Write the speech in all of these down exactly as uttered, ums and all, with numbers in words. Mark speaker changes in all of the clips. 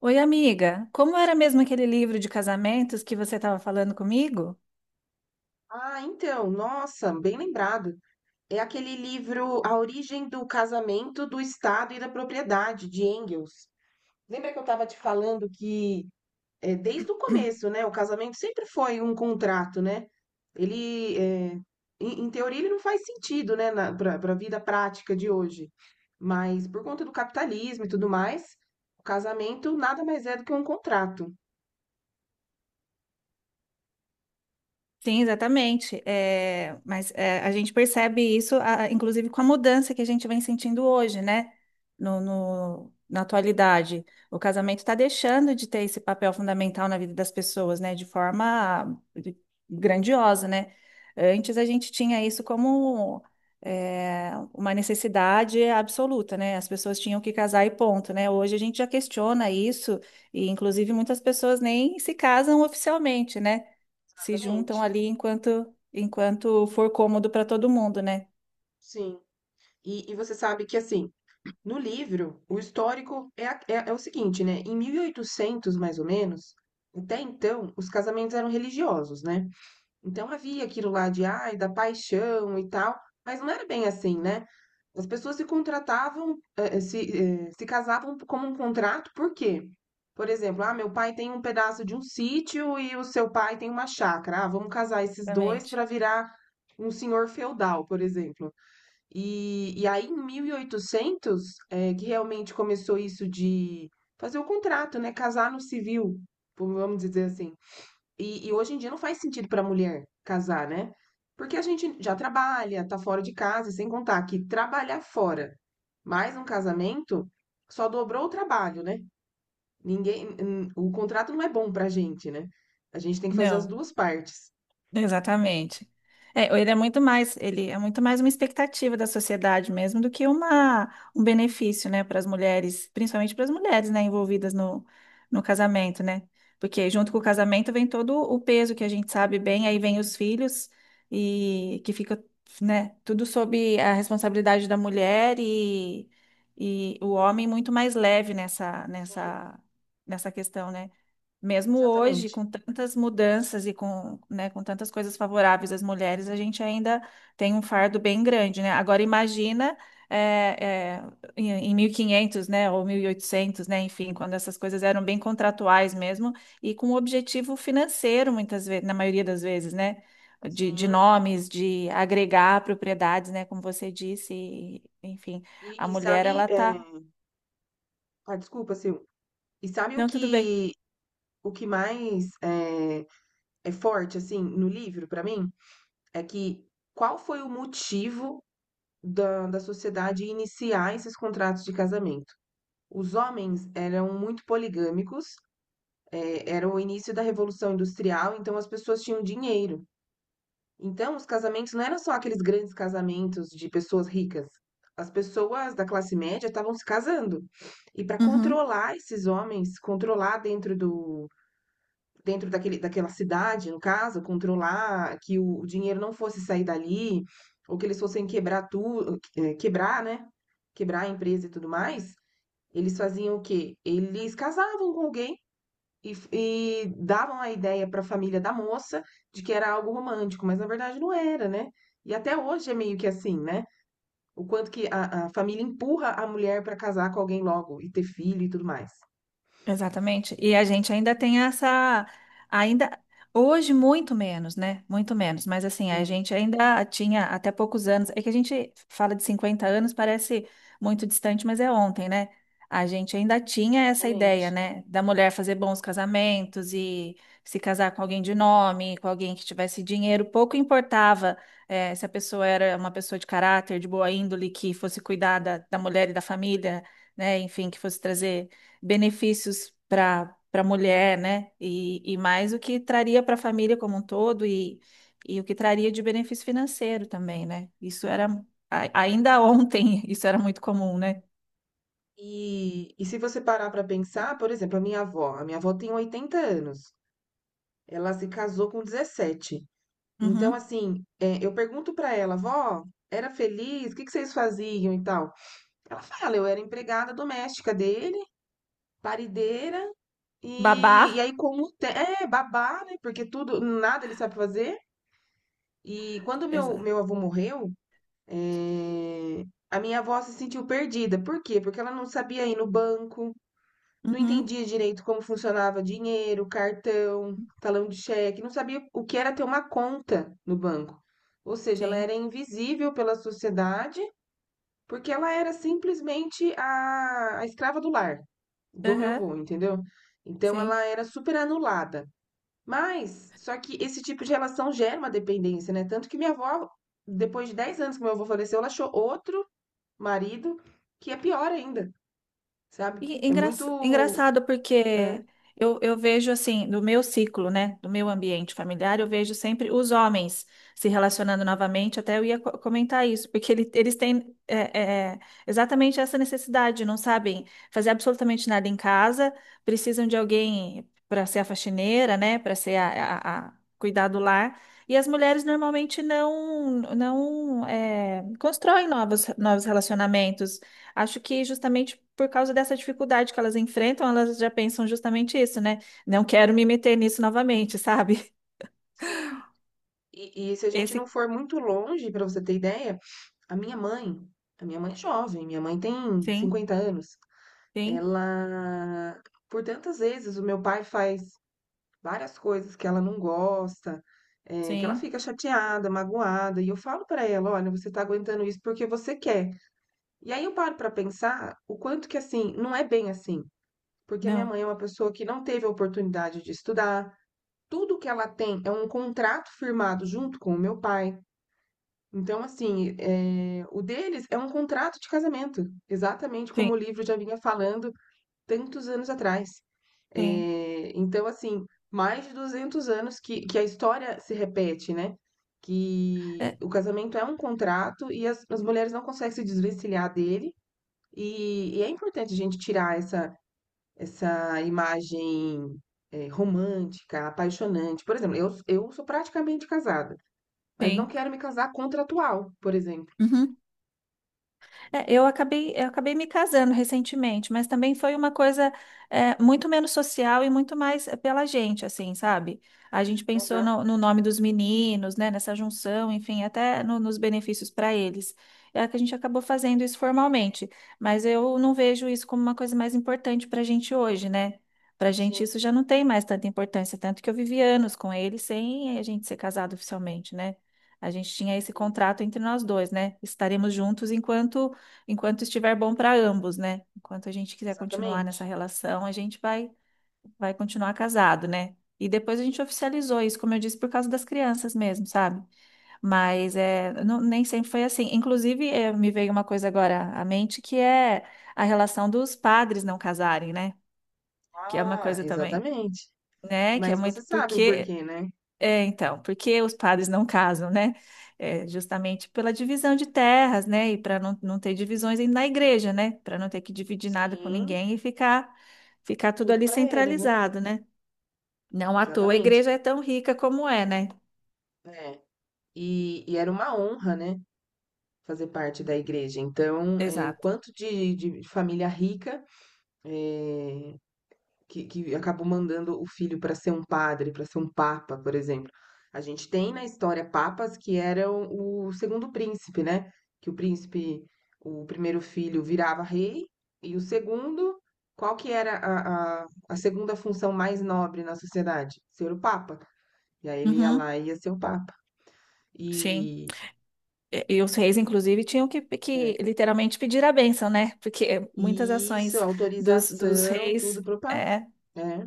Speaker 1: Oi, amiga. Como era mesmo aquele livro de casamentos que você estava falando comigo?
Speaker 2: Ah, então, nossa, bem lembrado. É aquele livro A Origem do Casamento, do Estado e da Propriedade, de Engels. Lembra que eu estava te falando que, é, desde o começo, né, o casamento sempre foi um contrato, né? Ele, é, em, em teoria, ele não faz sentido, né, para a vida prática de hoje. Mas por conta do capitalismo e tudo mais, o casamento nada mais é do que um contrato.
Speaker 1: Sim, exatamente. É, mas é, a gente percebe isso, a- inclusive com a mudança que a gente vem sentindo hoje, né? No, no- na atualidade. O casamento está deixando de ter esse papel fundamental na vida das pessoas, né? De forma grandiosa, né? Antes a gente tinha isso como é, uma necessidade absoluta, né? As pessoas tinham que casar e ponto, né? Hoje a gente já questiona isso, e inclusive muitas pessoas nem se casam oficialmente, né? Se juntam
Speaker 2: Exatamente.
Speaker 1: ali enquanto enquanto for cômodo para todo mundo, né?
Speaker 2: Sim. E, e você sabe que assim, no livro, o histórico é, a- é, é o seguinte, né? Em mil e oitocentos, mais ou menos, até então, os casamentos eram religiosos, né? Então havia aquilo lá de, ai, da paixão e tal, mas não era bem assim, né? As pessoas se contratavam, eh, eh, se, eh, se casavam como um contrato, por quê? Por exemplo, ah, meu pai tem um pedaço de um sítio e o seu pai tem uma chácara. Ah, vamos casar esses dois
Speaker 1: Exatamente.
Speaker 2: para virar um senhor feudal, por exemplo. E, e aí, em mil e oitocentos, é, que realmente começou isso de fazer o contrato, né? Casar no civil, vamos dizer assim. E, e hoje em dia não faz sentido para a mulher casar, né? Porque a gente já trabalha, tá fora de casa, e sem contar que trabalhar fora mais um casamento só dobrou o trabalho, né? Ninguém, n- o contrato não é bom pra gente, né? A gente tem que fazer as
Speaker 1: Não.
Speaker 2: duas partes.
Speaker 1: Exatamente. É, ele é muito mais, ele é muito mais uma expectativa da sociedade mesmo do que uma, um benefício, né, para as mulheres, principalmente para as mulheres, né, envolvidas no, no casamento, né? Porque junto com o casamento vem todo o peso que a gente sabe bem, aí vem os filhos e que fica, né, tudo sob a responsabilidade da mulher e, e o homem muito mais leve nessa,
Speaker 2: Sim,
Speaker 1: nessa, nessa questão, né? Mesmo hoje,
Speaker 2: exatamente.
Speaker 1: com tantas mudanças e com, né, com tantas coisas favoráveis às mulheres, a gente ainda tem um fardo bem grande, né? Agora imagina é, é, em em mil e quinhentos, né, ou mil e oitocentos, né, enfim, quando essas coisas eram bem contratuais mesmo e com um objetivo financeiro, muitas vezes, na maioria das vezes, né, de, de
Speaker 2: Sim.
Speaker 1: nomes, de agregar propriedades, né, como você disse, e, enfim, a
Speaker 2: E, e
Speaker 1: mulher
Speaker 2: sabe,
Speaker 1: ela
Speaker 2: é...
Speaker 1: tá,
Speaker 2: ah, desculpa, Sil. E sabe o
Speaker 1: não, tudo
Speaker 2: que o que mais é, é forte assim no livro pra mim é que qual foi o motivo da, da sociedade iniciar esses contratos de casamento? Os homens eram muito poligâmicos, é, era o início da Revolução Industrial, então as pessoas tinham dinheiro. Então os casamentos não eram só aqueles grandes casamentos de pessoas ricas. As pessoas da classe média estavam se casando. E para
Speaker 1: bem.
Speaker 2: controlar esses homens, controlar dentro do, Dentro daquele daquela cidade, no caso, controlar que o o dinheiro não fosse sair dali, ou que eles fossem quebrar tudo, quebrar, né? Quebrar a empresa e tudo mais, eles faziam o quê? Eles casavam com alguém e, e davam a ideia para a família da moça de que era algo romântico, mas na verdade não era, né? E até hoje é meio que assim, né? O quanto que a, a família empurra a mulher para casar com alguém logo e ter filho e tudo mais.
Speaker 1: Exatamente. E a gente ainda tem essa, ainda hoje muito menos, né? Muito menos, mas assim, a
Speaker 2: Sim,
Speaker 1: gente ainda tinha até poucos anos. É que a gente fala de cinquenta anos, parece muito distante, mas é ontem, né? A gente ainda tinha essa ideia,
Speaker 2: exatamente.
Speaker 1: né, da mulher fazer bons casamentos e se casar com alguém de nome, com alguém que tivesse dinheiro, pouco importava, eh, se a pessoa era uma pessoa de caráter, de boa índole, que fosse cuidar da, da mulher e da família, né, enfim, que fosse trazer benefícios para para a mulher, né? E, e mais o que traria para a família como um todo e, e o que traria de benefício financeiro também, né? Isso era, a- ainda ontem, isso era muito comum, né?
Speaker 2: E, e se você parar para pensar, por exemplo, a minha avó, a minha avó tem oitenta anos, ela se casou com dezessete. Então,
Speaker 1: Uhum.
Speaker 2: assim, é, eu pergunto para ela, vó, era feliz? O que que vocês faziam e tal? Ela fala, eu era empregada doméstica dele, parideira, e,
Speaker 1: Babar.
Speaker 2: e aí com o te- é babá, né? Porque tudo, nada ele sabe fazer. E quando meu,
Speaker 1: Exa-
Speaker 2: meu avô morreu, é, a minha avó se sentiu perdida. Por quê? Porque ela não sabia ir no banco. Não
Speaker 1: Uhum.
Speaker 2: entendia direito como funcionava dinheiro, cartão, talão de cheque, não sabia o que era ter uma conta no banco. Ou seja, ela
Speaker 1: Sim.
Speaker 2: era invisível pela sociedade, porque ela era simplesmente a, a escrava do lar, do meu
Speaker 1: Aham.
Speaker 2: avô, entendeu? Então
Speaker 1: Sim.
Speaker 2: ela era super anulada. Mas, só que esse tipo de relação gera uma dependência, né? Tanto que minha avó, depois de dez anos que meu avô faleceu, ela achou outro marido que é pior ainda, sabe?
Speaker 1: E é
Speaker 2: É
Speaker 1: engra-
Speaker 2: muito.
Speaker 1: engraçado
Speaker 2: É,
Speaker 1: porque eu, eu vejo assim, do meu ciclo, né, do meu ambiente familiar, eu vejo sempre os homens se relacionando novamente, até eu ia co- comentar isso, porque ele- eles têm é, é, é, exatamente essa necessidade, não sabem fazer absolutamente nada em casa, precisam de alguém para ser a faxineira, né, para ser a, a- a- cuidar do lar, e as mulheres normalmente não, não é, constroem novos, novos relacionamentos. Acho que justamente por causa dessa dificuldade que elas enfrentam, elas já pensam justamente isso, né? Não quero me meter nisso novamente, sabe?
Speaker 2: sim. E, e se a gente não
Speaker 1: Esse
Speaker 2: for muito longe, pra você ter ideia, a minha mãe, a minha mãe é jovem, minha mãe tem
Speaker 1: sim,
Speaker 2: cinquenta anos.
Speaker 1: sim,
Speaker 2: Ela, por tantas vezes, o meu pai faz várias coisas que ela não gosta, é, que ela
Speaker 1: sim,
Speaker 2: fica chateada, magoada, e eu falo pra ela, olha, você tá aguentando isso porque você quer. E aí eu paro pra pensar o quanto que assim, não é bem assim, porque a minha
Speaker 1: não,
Speaker 2: mãe é uma pessoa que não teve a oportunidade de estudar. Tudo que ela tem é um contrato firmado junto com o meu pai. Então, assim, eh, o deles é um contrato de casamento, exatamente como o
Speaker 1: sim,
Speaker 2: livro já vinha falando tantos anos atrás.
Speaker 1: sim,
Speaker 2: Eh, então, assim, mais de duzentos anos que, que a história se repete, né? Que
Speaker 1: é,
Speaker 2: o casamento é um contrato e as, as mulheres não conseguem se desvencilhar dele. E, e é importante a gente tirar essa, essa imagem, eh, romântica, apaixonante. Por exemplo, eu, eu sou praticamente casada, mas não
Speaker 1: sim.
Speaker 2: quero me casar contratual, por exemplo.
Speaker 1: Uhum. É, eu acabei, eu acabei me casando recentemente, mas também foi uma coisa é, muito menos social e muito mais é, pela gente, assim, sabe? A gente pensou
Speaker 2: Uhum.
Speaker 1: no, no nome dos meninos, né? Nessa junção, enfim, até no- nos benefícios para eles. É que a gente acabou fazendo isso formalmente, mas eu não vejo isso como uma coisa mais importante para a gente hoje, né? Para a gente
Speaker 2: Sim,
Speaker 1: isso já não tem mais tanta importância, tanto que eu vivi anos com ele sem a gente ser casado oficialmente, né? A gente tinha esse
Speaker 2: sim,
Speaker 1: contrato entre nós dois, né? Estaremos juntos enquanto enquanto estiver bom para ambos, né? Enquanto a gente quiser continuar nessa
Speaker 2: exatamente.
Speaker 1: relação, a gente vai vai continuar casado, né? E depois a gente oficializou isso, como eu disse, por causa das crianças mesmo, sabe? Mas é, não- nem sempre foi assim. Inclusive, eh, me veio uma coisa agora à mente, que é a relação dos padres não casarem, né? Que é uma
Speaker 2: Ah,
Speaker 1: coisa também,
Speaker 2: exatamente.
Speaker 1: né? Que é
Speaker 2: Mas você
Speaker 1: muito
Speaker 2: sabe o
Speaker 1: porque
Speaker 2: porquê, né?
Speaker 1: é, então, porque os padres não casam, né? É, justamente pela divisão de terras, né? E para não, não ter divisões aí na igreja, né? Para não ter que dividir nada com
Speaker 2: Sim,
Speaker 1: ninguém e ficar, ficar tudo
Speaker 2: tudo
Speaker 1: ali
Speaker 2: pra eles, né?
Speaker 1: centralizado, né? Não à toa a
Speaker 2: Exatamente.
Speaker 1: igreja é tão rica como é, né?
Speaker 2: É. E, e era uma honra, né? Fazer parte da igreja. Então, é, o
Speaker 1: Exato.
Speaker 2: quanto de, de família rica, é, que, que acabou mandando o filho para ser um padre, para ser um papa, por exemplo. A gente tem na história papas que eram o segundo príncipe, né? Que o príncipe, o primeiro filho virava rei e o segundo, qual que era a, a, a segunda função mais nobre na sociedade? Ser o papa. E aí ele ia
Speaker 1: Uhum,
Speaker 2: lá e ia ser o papa.
Speaker 1: sim.
Speaker 2: E,
Speaker 1: E, e os reis, inclusive, tinham que, que
Speaker 2: É.
Speaker 1: literalmente pedir a bênção, né? Porque muitas
Speaker 2: E isso,
Speaker 1: ações dos, dos
Speaker 2: autorização, tudo
Speaker 1: reis.
Speaker 2: pro papa.
Speaker 1: É,
Speaker 2: É,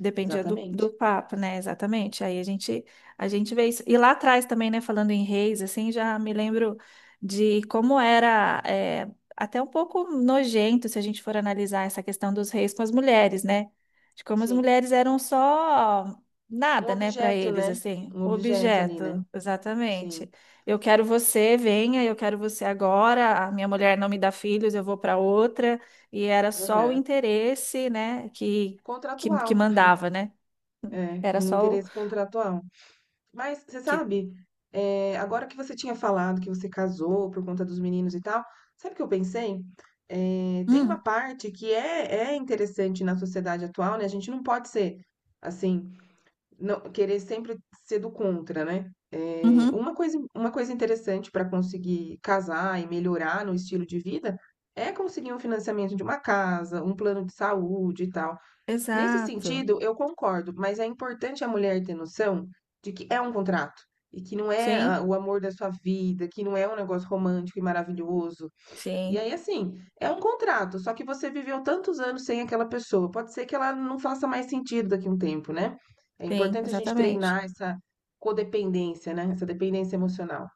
Speaker 1: dependia do, do
Speaker 2: exatamente.
Speaker 1: papo, né? Exatamente. Aí a gente, a gente vê isso. E lá atrás também, né? Falando em reis, assim, já me lembro de como era é, até um pouco nojento se a gente for analisar essa questão dos reis com as mulheres, né? De como as
Speaker 2: Sim.
Speaker 1: mulheres eram só
Speaker 2: Um
Speaker 1: nada, né, para
Speaker 2: objeto,
Speaker 1: eles,
Speaker 2: né?
Speaker 1: assim,
Speaker 2: Um objeto ali, né?
Speaker 1: objeto.
Speaker 2: Sim.
Speaker 1: Exatamente. Eu quero você, venha, eu quero você agora. A minha mulher não me dá filhos, eu vou para outra. E era só o
Speaker 2: Aham.
Speaker 1: interesse, né? Que que,
Speaker 2: Contratual.
Speaker 1: que mandava, né?
Speaker 2: É,
Speaker 1: Era
Speaker 2: um
Speaker 1: só o
Speaker 2: interesse contratual. Mas, você
Speaker 1: que.
Speaker 2: sabe, é, agora que você tinha falado que você casou por conta dos meninos e tal, sabe o que eu pensei? É, tem uma
Speaker 1: Hum,
Speaker 2: parte que é, é interessante na sociedade atual, né? A gente não pode ser, assim, não querer sempre ser do contra, né? É,
Speaker 1: uhum,
Speaker 2: uma coisa, uma coisa interessante para conseguir casar e melhorar no estilo de vida é conseguir um financiamento de uma casa, um plano de saúde e tal. Nesse
Speaker 1: exato.
Speaker 2: sentido, eu concordo, mas é importante a mulher ter noção de que é um contrato e que não é ah,
Speaker 1: Sim,
Speaker 2: o amor da sua vida, que não é um negócio romântico e maravilhoso, e
Speaker 1: sim,
Speaker 2: aí, assim, é um contrato, só que você viveu tantos anos sem aquela pessoa. Pode ser que ela não faça mais sentido daqui a um tempo, né? É
Speaker 1: sim,
Speaker 2: importante a gente
Speaker 1: exatamente.
Speaker 2: treinar essa codependência, né? Essa dependência emocional.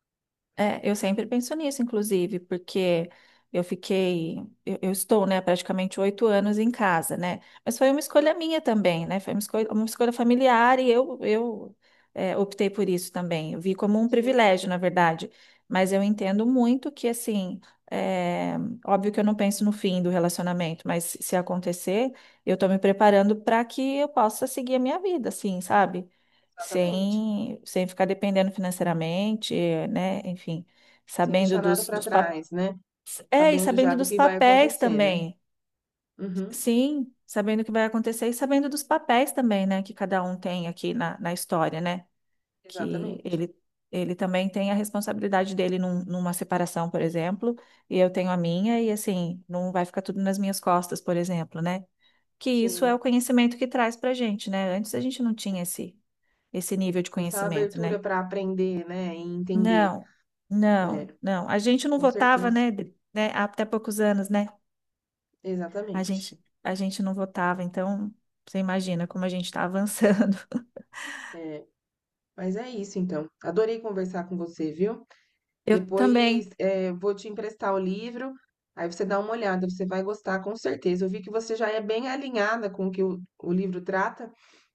Speaker 1: É, eu sempre penso nisso, inclusive, porque eu fiquei, eu, eu estou, né, praticamente oito anos em casa, né? Mas foi uma escolha minha também, né? Foi uma escolha, uma escolha familiar e eu, eu é, optei por isso também. Eu vi como um
Speaker 2: Sim.
Speaker 1: privilégio, na verdade. Mas eu entendo muito que, assim, é, óbvio que eu não penso no fim do relacionamento, mas se acontecer, eu estou me preparando para que eu possa seguir a minha vida, assim, sabe?
Speaker 2: Exatamente.
Speaker 1: sem, sem ficar dependendo financeiramente, né? Enfim,
Speaker 2: Sem
Speaker 1: sabendo
Speaker 2: deixar nada
Speaker 1: dos,
Speaker 2: pra
Speaker 1: dos papéis.
Speaker 2: trás, né?
Speaker 1: É, e
Speaker 2: Sabendo já
Speaker 1: sabendo
Speaker 2: do
Speaker 1: dos
Speaker 2: que vai
Speaker 1: papéis
Speaker 2: acontecer, né?
Speaker 1: também.
Speaker 2: Uhum,
Speaker 1: Sim, sabendo o que vai acontecer e sabendo dos papéis também, né? Que cada um tem aqui na, na história, né? Que
Speaker 2: exatamente.
Speaker 1: ele, ele também tem a responsabilidade dele num- numa separação, por exemplo, e eu tenho a minha, e assim, não vai ficar tudo nas minhas costas, por exemplo, né? Que isso é o
Speaker 2: Sim.
Speaker 1: conhecimento que traz pra gente, né? Antes a gente não tinha esse, esse nível de
Speaker 2: Essa
Speaker 1: conhecimento,
Speaker 2: abertura
Speaker 1: né?
Speaker 2: pra aprender, né? E entender,
Speaker 1: Não,
Speaker 2: né?
Speaker 1: não, não. A gente não
Speaker 2: Com
Speaker 1: votava,
Speaker 2: certeza.
Speaker 1: né? de- né, Há até poucos anos, né? A
Speaker 2: Exatamente.
Speaker 1: gente, a gente não votava, então você imagina como a gente está avançando.
Speaker 2: É, mas é isso, então. Adorei conversar com você, viu?
Speaker 1: Eu
Speaker 2: Depois,
Speaker 1: também.
Speaker 2: eh, vou te emprestar o livro, aí você dá uma olhada, você vai gostar com certeza. Eu vi que você já é bem alinhada com o que o, o livro trata,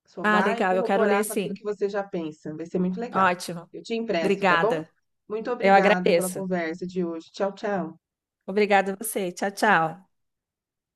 Speaker 2: só
Speaker 1: Ah,
Speaker 2: vai
Speaker 1: legal, eu quero ler
Speaker 2: corroborar com aquilo
Speaker 1: sim.
Speaker 2: que você já pensa. Vai ser muito legal.
Speaker 1: Ótimo.
Speaker 2: Eu te empresto, tá bom?
Speaker 1: Obrigada.
Speaker 2: Muito
Speaker 1: Eu
Speaker 2: obrigada pela
Speaker 1: agradeço.
Speaker 2: conversa de hoje. Tchau, tchau.
Speaker 1: Obrigada a você. Tchau, tchau.